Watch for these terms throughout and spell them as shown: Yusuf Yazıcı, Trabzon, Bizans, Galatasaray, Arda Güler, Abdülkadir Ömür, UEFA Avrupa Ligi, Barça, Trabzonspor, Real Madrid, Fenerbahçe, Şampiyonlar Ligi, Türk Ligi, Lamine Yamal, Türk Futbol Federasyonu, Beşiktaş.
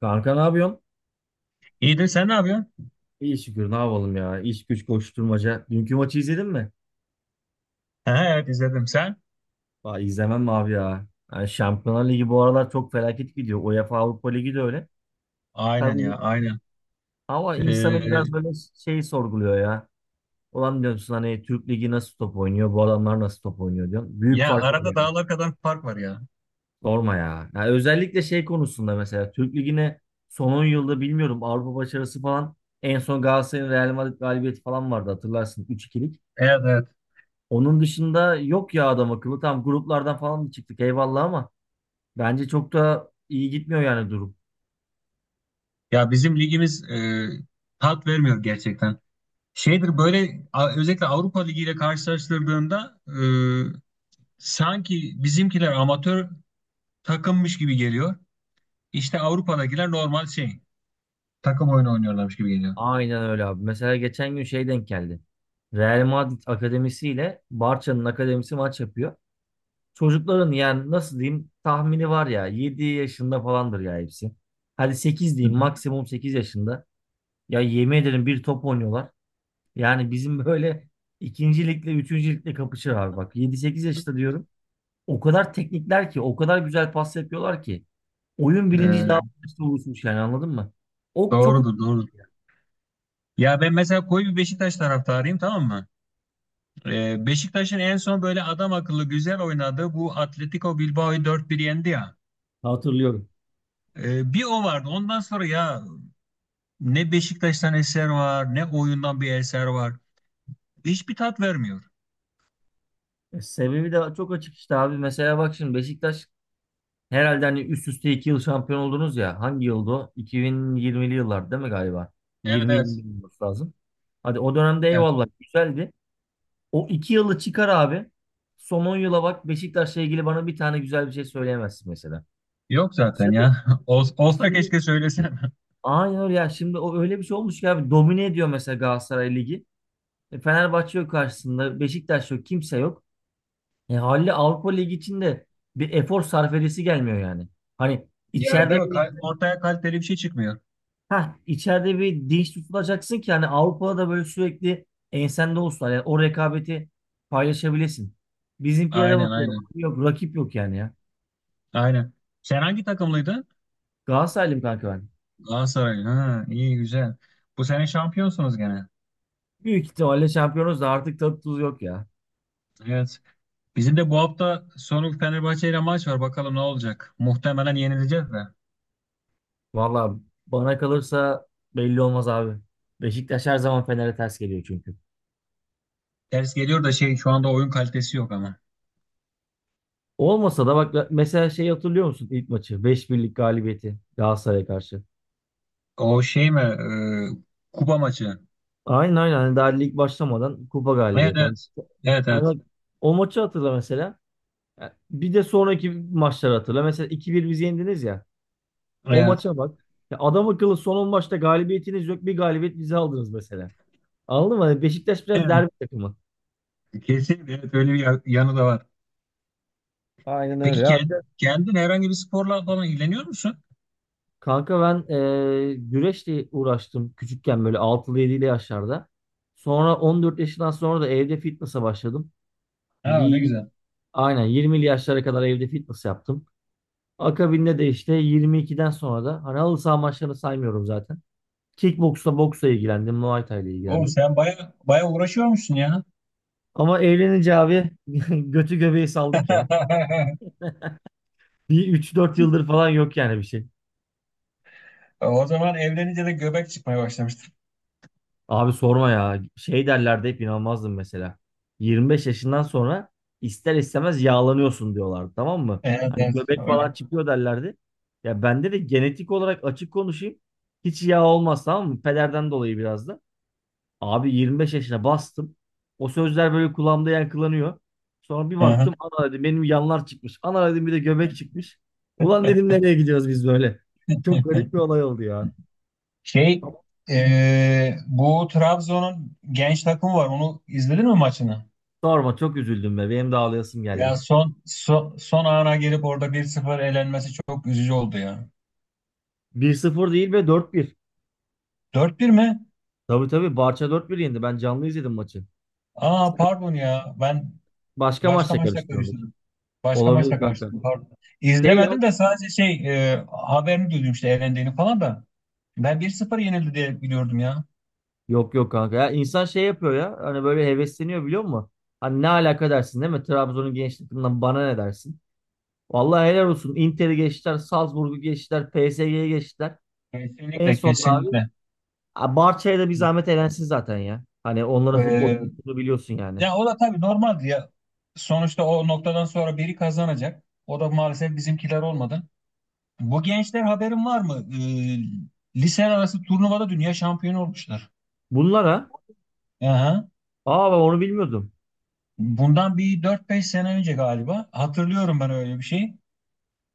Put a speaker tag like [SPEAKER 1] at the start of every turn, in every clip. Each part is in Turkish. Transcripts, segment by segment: [SPEAKER 1] Kanka ne yapıyorsun?
[SPEAKER 2] İyidir sen ne yapıyorsun?
[SPEAKER 1] İyi şükür ne yapalım ya. İş güç koşturmaca. Dünkü maçı izledin mi?
[SPEAKER 2] He, evet izledim sen.
[SPEAKER 1] Aa, izlemem mi abi ya? Yani Şampiyonlar Ligi bu aralar çok felaket gidiyor. UEFA Avrupa Ligi de öyle.
[SPEAKER 2] Aynen ya
[SPEAKER 1] Tabii
[SPEAKER 2] aynen.
[SPEAKER 1] ama insanı biraz
[SPEAKER 2] Ee,
[SPEAKER 1] böyle şey sorguluyor ya. Ulan diyorsun hani Türk Ligi nasıl top oynuyor? Bu adamlar nasıl top oynuyor diyorsun. Büyük
[SPEAKER 2] Ya
[SPEAKER 1] fark var
[SPEAKER 2] arada
[SPEAKER 1] yani.
[SPEAKER 2] dağlar kadar fark var ya.
[SPEAKER 1] Sorma ya. Yani özellikle şey konusunda mesela Türk Ligi'ne son 10 yılda bilmiyorum Avrupa başarısı falan en son Galatasaray'ın Real Madrid galibiyeti falan vardı, hatırlarsın. 3-2'lik.
[SPEAKER 2] Evet evet.
[SPEAKER 1] Onun dışında yok ya adam akıllı. Tam gruplardan falan da çıktık eyvallah, ama bence çok da iyi gitmiyor yani durum.
[SPEAKER 2] Ya bizim ligimiz tat vermiyor gerçekten. Şeydir böyle özellikle Avrupa Ligi ile karşılaştırdığında sanki bizimkiler amatör takımmış gibi geliyor. İşte Avrupa'dakiler normal şey takım oyunu oynuyorlarmış gibi geliyor.
[SPEAKER 1] Aynen öyle abi. Mesela geçen gün şey denk geldi. Real Madrid Akademisi ile Barça'nın akademisi maç yapıyor. Çocukların yani nasıl diyeyim tahmini var ya 7 yaşında falandır ya hepsi. Hadi 8
[SPEAKER 2] Hı
[SPEAKER 1] diyeyim, maksimum 8 yaşında. Ya yemin ederim bir top oynuyorlar. Yani bizim böyle ikinci ligle üçüncü ligle kapışır abi bak. 7-8 yaşında diyorum. O kadar teknikler ki, o kadar güzel pas yapıyorlar ki. Oyun
[SPEAKER 2] hı.
[SPEAKER 1] bilinci daha
[SPEAKER 2] Ee,
[SPEAKER 1] fazla oluşmuş, yani anladın mı? O çok
[SPEAKER 2] Doğrudur doğrudur. Ya ben mesela koyu bir Beşiktaş taraftarıyım, tamam mı? Beşiktaş'ın en son böyle adam akıllı güzel oynadığı bu Atletico Bilbao'yu dört 1 yendi ya.
[SPEAKER 1] hatırlıyorum.
[SPEAKER 2] Bir o vardı. Ondan sonra ya ne Beşiktaş'tan eser var, ne oyundan bir eser var. Hiçbir tat vermiyor.
[SPEAKER 1] E, sebebi de çok açık işte abi. Mesela bak şimdi Beşiktaş herhalde hani üst üste 2 yıl şampiyon oldunuz ya. Hangi yıldı o? 2020'li yıllar değil mi galiba?
[SPEAKER 2] Evet evet.
[SPEAKER 1] 20-21 olması lazım. Hadi o dönemde
[SPEAKER 2] Evet.
[SPEAKER 1] eyvallah güzeldi. O 2 yılı çıkar abi. Son 10 yıla bak, Beşiktaş'la ilgili bana bir tane güzel bir şey söyleyemezsin mesela.
[SPEAKER 2] Yok
[SPEAKER 1] Şey
[SPEAKER 2] zaten
[SPEAKER 1] yok.
[SPEAKER 2] ya.
[SPEAKER 1] E
[SPEAKER 2] Olsa
[SPEAKER 1] şimdi
[SPEAKER 2] keşke söylesem.
[SPEAKER 1] aynen öyle ya. Şimdi o öyle bir şey olmuş ki abi, domine ediyor mesela Galatasaray Ligi. E, Fenerbahçe yok karşısında. Beşiktaş yok. Kimse yok. E, haliyle Avrupa Ligi içinde bir efor sarf edesi gelmiyor yani. Hani
[SPEAKER 2] Ya,
[SPEAKER 1] içeride
[SPEAKER 2] değil mi?
[SPEAKER 1] bir
[SPEAKER 2] Ortaya kaliteli bir şey çıkmıyor.
[SPEAKER 1] ha içeride bir dinç tutulacaksın ki hani Avrupa'da da böyle sürekli ensende olsunlar. Yani o rekabeti paylaşabilesin. Bizimkilere
[SPEAKER 2] Aynen
[SPEAKER 1] bakıyorum.
[SPEAKER 2] aynen.
[SPEAKER 1] Yok rakip yok yani ya.
[SPEAKER 2] Aynen. Sen hangi takımlıydın?
[SPEAKER 1] Galatasaraylıyım kanka ben.
[SPEAKER 2] Galatasaray. Ha, iyi güzel. Bu sene şampiyonsunuz gene.
[SPEAKER 1] Büyük ihtimalle şampiyonuz da artık tadı tuzu yok ya.
[SPEAKER 2] Evet. Bizim de bu hafta sonu Fenerbahçe ile maç var. Bakalım ne olacak. Muhtemelen yenileceğiz de.
[SPEAKER 1] Valla bana kalırsa belli olmaz abi. Beşiktaş her zaman Fener'e ters geliyor çünkü.
[SPEAKER 2] Ters geliyor da şey şu anda oyun kalitesi yok ama.
[SPEAKER 1] Olmasa da bak mesela şey hatırlıyor musun ilk maçı? 5-1'lik galibiyeti Galatasaray'a karşı.
[SPEAKER 2] O şey mi? Kupa maçı.
[SPEAKER 1] Aynen aynen. Hani daha lig başlamadan kupa
[SPEAKER 2] Evet
[SPEAKER 1] galibiyeti. Hani,
[SPEAKER 2] evet. Evet
[SPEAKER 1] hani
[SPEAKER 2] evet.
[SPEAKER 1] bak o maçı hatırla mesela. Ya, bir de sonraki maçları hatırla. Mesela 2-1 bizi yendiniz ya. O
[SPEAKER 2] Evet.
[SPEAKER 1] maça bak. Ya adam akıllı son 10 maçta galibiyetiniz yok. Bir galibiyet bize aldınız mesela. Anladın mı? Hani Beşiktaş biraz
[SPEAKER 2] Evet.
[SPEAKER 1] derbi takımı.
[SPEAKER 2] Kesin evet, öyle bir yanı da var.
[SPEAKER 1] Aynen öyle
[SPEAKER 2] Peki
[SPEAKER 1] ya.
[SPEAKER 2] kendin herhangi bir sporla falan ilgileniyor musun?
[SPEAKER 1] Kanka ben güreşle uğraştım küçükken böyle 6'lı 7'li yaşlarda. Sonra 14 yaşından sonra da evde fitness'a başladım.
[SPEAKER 2] Ha, ne
[SPEAKER 1] Bir
[SPEAKER 2] güzel.
[SPEAKER 1] aynen 20'li yaşlara kadar evde fitness yaptım. Akabinde de işte 22'den sonra da hani halı saha maçlarını saymıyorum zaten. Kickboksla boksla ilgilendim, Muay Thai ile
[SPEAKER 2] Oğlum
[SPEAKER 1] ilgilendim.
[SPEAKER 2] sen baya baya uğraşıyormuşsun ya.
[SPEAKER 1] Ama evlenince abi götü göbeği saldık ya. Bir 3-4 yıldır falan yok yani bir şey.
[SPEAKER 2] O zaman evlenince de göbek çıkmaya başlamıştır.
[SPEAKER 1] Abi sorma ya. Şey derlerdi hep inanmazdım mesela. 25 yaşından sonra ister istemez yağlanıyorsun diyorlardı, tamam mı?
[SPEAKER 2] Evet
[SPEAKER 1] Hani
[SPEAKER 2] evet.
[SPEAKER 1] göbek falan
[SPEAKER 2] Öyle.
[SPEAKER 1] çıkıyor derlerdi. Ya bende de genetik olarak açık konuşayım. Hiç yağ olmaz, tamam mı? Pederden dolayı biraz da. Abi 25 yaşına bastım. O sözler böyle kulağımda yankılanıyor. Sonra bir baktım ana dedim benim yanlar çıkmış. Ana dedim bir de göbek çıkmış. Ulan dedim nereye gidiyoruz biz böyle? Çok garip bir olay oldu ya.
[SPEAKER 2] Şey bu Trabzon'un genç takımı var. Onu izledin mi maçını?
[SPEAKER 1] Sorma çok üzüldüm be. Benim de ağlayasım
[SPEAKER 2] Ya
[SPEAKER 1] geldi.
[SPEAKER 2] son son ana gelip orada 1-0 elenmesi çok üzücü oldu ya.
[SPEAKER 1] 1-0 değil ve 4-1.
[SPEAKER 2] 4-1 mi?
[SPEAKER 1] Tabii tabii Barça dört 1 yendi. Ben canlı izledim maçı.
[SPEAKER 2] Aa, pardon ya. Ben
[SPEAKER 1] Başka
[SPEAKER 2] başka
[SPEAKER 1] maçla
[SPEAKER 2] maçla
[SPEAKER 1] karıştırıyordur.
[SPEAKER 2] karıştırdım. Başka
[SPEAKER 1] Olabilir
[SPEAKER 2] maçla
[SPEAKER 1] kanka.
[SPEAKER 2] karıştırdım, pardon.
[SPEAKER 1] Şey ya.
[SPEAKER 2] İzlemedim de sadece şey haberini duydum işte elendiğini falan da. Ben 1-0 yenildi diye biliyordum ya.
[SPEAKER 1] Yok yok kanka. Ya insan şey yapıyor ya. Hani böyle hevesleniyor biliyor musun? Hani ne alaka dersin değil mi? Trabzon'un genç takımından bana ne dersin? Vallahi helal olsun. Inter'i geçtiler. Salzburg'u geçtiler. PSG'yi geçtiler. En
[SPEAKER 2] Kesinlikle
[SPEAKER 1] son da abi
[SPEAKER 2] kesinlikle.
[SPEAKER 1] ha, Barça'ya da bir zahmet elensin zaten ya. Hani onların futbol
[SPEAKER 2] E,
[SPEAKER 1] kültürünü biliyorsun yani.
[SPEAKER 2] Ya o da tabii normaldi ya. Sonuçta o noktadan sonra biri kazanacak. O da maalesef bizimkiler olmadı. Bu gençler, haberin var mı? Lise arası turnuvada dünya şampiyonu olmuşlar.
[SPEAKER 1] Bunlara
[SPEAKER 2] Aha.
[SPEAKER 1] aa ben onu bilmiyordum.
[SPEAKER 2] Bundan bir dört beş sene önce galiba. Hatırlıyorum ben öyle bir şey.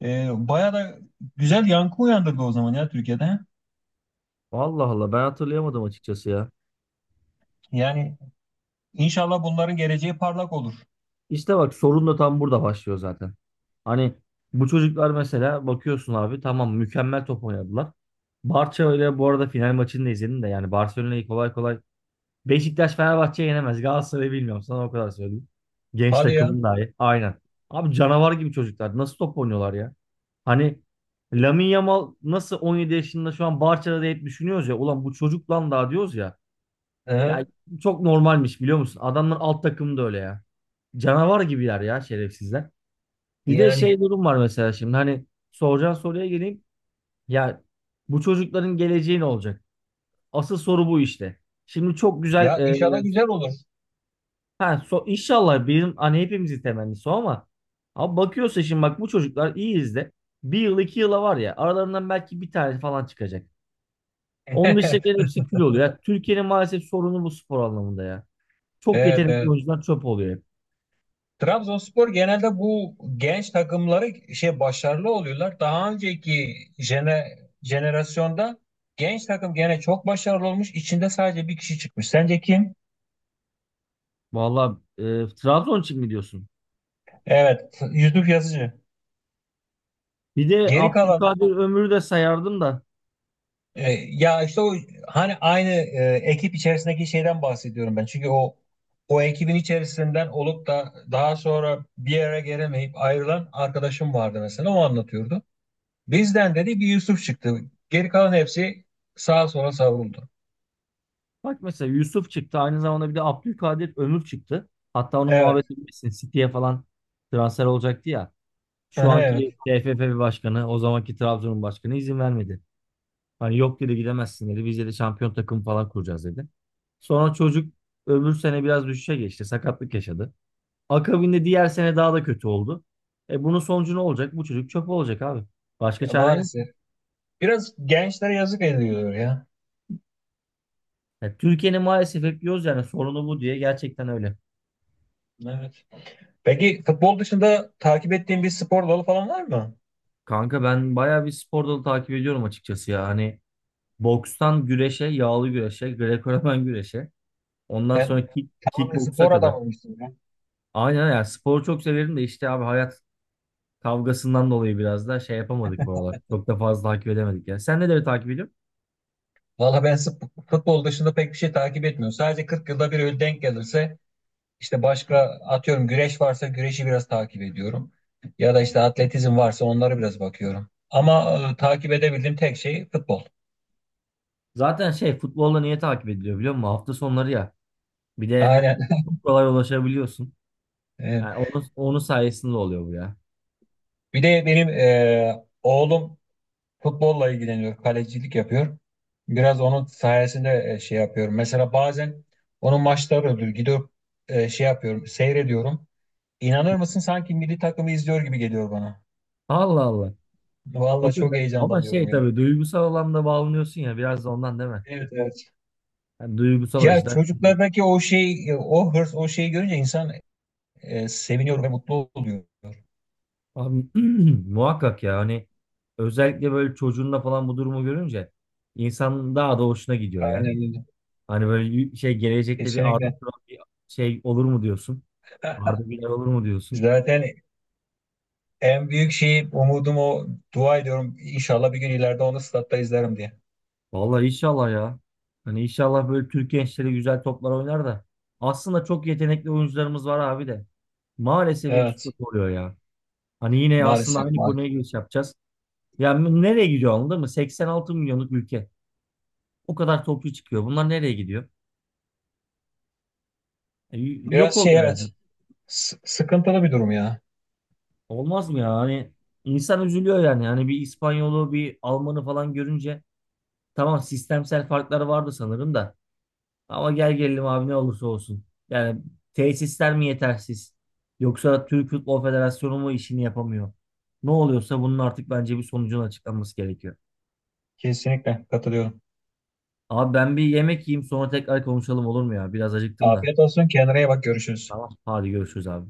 [SPEAKER 2] Baya da güzel yankı uyandırdı o zaman ya Türkiye'de.
[SPEAKER 1] Allah Allah, ben hatırlayamadım açıkçası ya.
[SPEAKER 2] Yani inşallah bunların geleceği parlak olur.
[SPEAKER 1] İşte bak sorun da tam burada başlıyor zaten. Hani bu çocuklar mesela bakıyorsun abi tamam, mükemmel top oynadılar. Barça öyle, bu arada final maçını da izledim de yani Barcelona'yı kolay kolay Beşiktaş Fenerbahçe'ye yenemez. Galatasaray'ı bilmiyorum, sana o kadar söyleyeyim. Genç
[SPEAKER 2] Hadi ya.
[SPEAKER 1] takımın dahi aynen. Abi canavar gibi çocuklar nasıl top oynuyorlar ya? Hani Lamine Yamal nasıl 17 yaşında şu an Barça'da da hep düşünüyoruz ya ulan bu çocuk lan daha diyoruz ya. Ya
[SPEAKER 2] Aha.
[SPEAKER 1] çok normalmiş biliyor musun? Adamlar alt takım da öyle ya. Canavar gibiler ya şerefsizler. Bir de
[SPEAKER 2] Yani
[SPEAKER 1] şey durum var mesela şimdi hani soracağın soruya geleyim. Ya bu çocukların geleceği ne olacak? Asıl soru bu işte. Şimdi çok güzel
[SPEAKER 2] ya, inşallah güzel olur.
[SPEAKER 1] inşallah bizim hani hepimizin temennisi o ama bakıyorsa şimdi bak bu çocuklar iyi izle. Bir yıl iki yıla var ya aralarından belki bir tane falan çıkacak. Onun dışındakilerin hepsi kül oluyor. Ya, Türkiye'nin maalesef sorunu bu spor anlamında ya. Çok
[SPEAKER 2] Evet,
[SPEAKER 1] yetenekli
[SPEAKER 2] evet.
[SPEAKER 1] oyuncular çöp oluyor hep.
[SPEAKER 2] Trabzonspor genelde bu genç takımları şey başarılı oluyorlar. Daha önceki jenerasyonda genç takım gene çok başarılı olmuş. İçinde sadece bir kişi çıkmış. Sence kim?
[SPEAKER 1] Vallahi Trabzon için mi diyorsun?
[SPEAKER 2] Evet, Yusuf Yazıcı.
[SPEAKER 1] Bir de
[SPEAKER 2] Geri kalan
[SPEAKER 1] Abdülkadir Ömür'ü de sayardım da.
[SPEAKER 2] ya işte o hani aynı ekip içerisindeki şeyden bahsediyorum ben. Çünkü o ekibin içerisinden olup da daha sonra bir yere gelemeyip ayrılan arkadaşım vardı mesela. O anlatıyordu. Bizden dedi bir Yusuf çıktı. Geri kalan hepsi sağa sola savruldu.
[SPEAKER 1] Bak mesela Yusuf çıktı. Aynı zamanda bir de Abdülkadir Ömür çıktı. Hatta onun
[SPEAKER 2] Evet.
[SPEAKER 1] muhabbeti bilirsin. City'ye falan transfer olacaktı ya. Şu
[SPEAKER 2] Aha, evet.
[SPEAKER 1] anki TFF başkanı, o zamanki Trabzon'un başkanı izin vermedi. Hani yok dedi, gidemezsin dedi. Biz de şampiyon takım falan kuracağız dedi. Sonra çocuk öbür sene biraz düşüşe geçti. Sakatlık yaşadı. Akabinde diğer sene daha da kötü oldu. E bunun sonucu ne olacak? Bu çocuk çöp olacak abi. Başka
[SPEAKER 2] Ya,
[SPEAKER 1] çare yok.
[SPEAKER 2] maalesef. Biraz gençlere yazık ediliyor ya.
[SPEAKER 1] Ya Türkiye'nin maalesef hep diyoruz yani sorunu bu diye, gerçekten öyle.
[SPEAKER 2] Evet. Peki futbol dışında takip ettiğin bir spor dalı falan var mı?
[SPEAKER 1] Kanka ben bayağı bir spor dalı takip ediyorum açıkçası ya. Hani bokstan güreşe, yağlı güreşe, Grekoromen güreşe. Ondan
[SPEAKER 2] Sen
[SPEAKER 1] sonra
[SPEAKER 2] tamamen
[SPEAKER 1] kickboksa
[SPEAKER 2] spor
[SPEAKER 1] kadar.
[SPEAKER 2] adamıymışsın ya.
[SPEAKER 1] Aynen ya sporu çok severim de işte abi hayat kavgasından dolayı biraz da şey yapamadık bu aralar. Çok da fazla takip edemedik ya. Sen neleri takip ediyorsun?
[SPEAKER 2] Valla ben futbol dışında pek bir şey takip etmiyorum. Sadece 40 yılda bir öyle denk gelirse işte başka, atıyorum güreş varsa güreşi biraz takip ediyorum. Ya da işte atletizm varsa onlara biraz bakıyorum. Ama takip edebildiğim tek şey futbol.
[SPEAKER 1] Zaten şey futbolla niye takip ediliyor biliyor musun? Hafta sonları ya. Bir de
[SPEAKER 2] Aynen.
[SPEAKER 1] çok kolay ulaşabiliyorsun.
[SPEAKER 2] Evet.
[SPEAKER 1] Yani onun sayesinde oluyor bu ya.
[SPEAKER 2] Bir de benim oğlum futbolla ilgileniyor, kalecilik yapıyor. Biraz onun sayesinde şey yapıyorum. Mesela bazen onun maçları oluyor. Gidiyorum şey yapıyorum, seyrediyorum. İnanır mısın, sanki milli takımı izliyor gibi geliyor bana.
[SPEAKER 1] Allah Allah. O
[SPEAKER 2] Vallahi çok
[SPEAKER 1] yüzden ama
[SPEAKER 2] heyecanlanıyorum
[SPEAKER 1] şey
[SPEAKER 2] ya.
[SPEAKER 1] tabii duygusal alanda bağlanıyorsun ya biraz da ondan değil mi?
[SPEAKER 2] Evet evet.
[SPEAKER 1] Yani duygusal
[SPEAKER 2] Ya
[SPEAKER 1] açıdan şimdi.
[SPEAKER 2] çocuklardaki o şey, o hırs, o şeyi görünce insan seviniyor ve mutlu oluyor.
[SPEAKER 1] Abi, muhakkak ya hani özellikle böyle çocuğunla falan bu durumu görünce insan daha da hoşuna gidiyor ya.
[SPEAKER 2] Aynen öyle.
[SPEAKER 1] Hani böyle şey gelecekte bir Arda
[SPEAKER 2] Kesinlikle.
[SPEAKER 1] Turan bir şey olur mu diyorsun? Arda Güler olur mu diyorsun?
[SPEAKER 2] Zaten en büyük şeyi umudum o. Dua ediyorum, İnşallah bir gün ileride onu statta izlerim diye.
[SPEAKER 1] Vallahi inşallah ya. Hani inşallah böyle Türk gençleri güzel toplar oynar da. Aslında çok yetenekli oyuncularımız var abi de. Maalesef hepsi çok
[SPEAKER 2] Evet.
[SPEAKER 1] oluyor ya. Hani yine aslında
[SPEAKER 2] Maalesef,
[SPEAKER 1] aynı konuya
[SPEAKER 2] maalesef.
[SPEAKER 1] giriş yapacağız. Yani nereye gidiyor anladın mı? 86 milyonluk ülke. O kadar toplu çıkıyor. Bunlar nereye gidiyor? E,
[SPEAKER 2] Biraz
[SPEAKER 1] yok
[SPEAKER 2] şey,
[SPEAKER 1] oluyor
[SPEAKER 2] evet.
[SPEAKER 1] yani.
[SPEAKER 2] Sıkıntılı bir durum ya.
[SPEAKER 1] Olmaz mı ya? Hani insan üzülüyor yani. Hani bir İspanyolu, bir Almanı falan görünce tamam, sistemsel farklar vardı sanırım da. Ama gel gelelim abi, ne olursa olsun. Yani tesisler mi yetersiz? Yoksa Türk Futbol Federasyonu mu işini yapamıyor? Ne oluyorsa bunun artık bence bir sonucun açıklanması gerekiyor.
[SPEAKER 2] Kesinlikle katılıyorum.
[SPEAKER 1] Abi ben bir yemek yiyeyim sonra tekrar konuşalım olur mu ya? Biraz acıktım da.
[SPEAKER 2] Afiyet olsun. Kendine iyi bak. Görüşürüz.
[SPEAKER 1] Tamam. Hadi görüşürüz abi.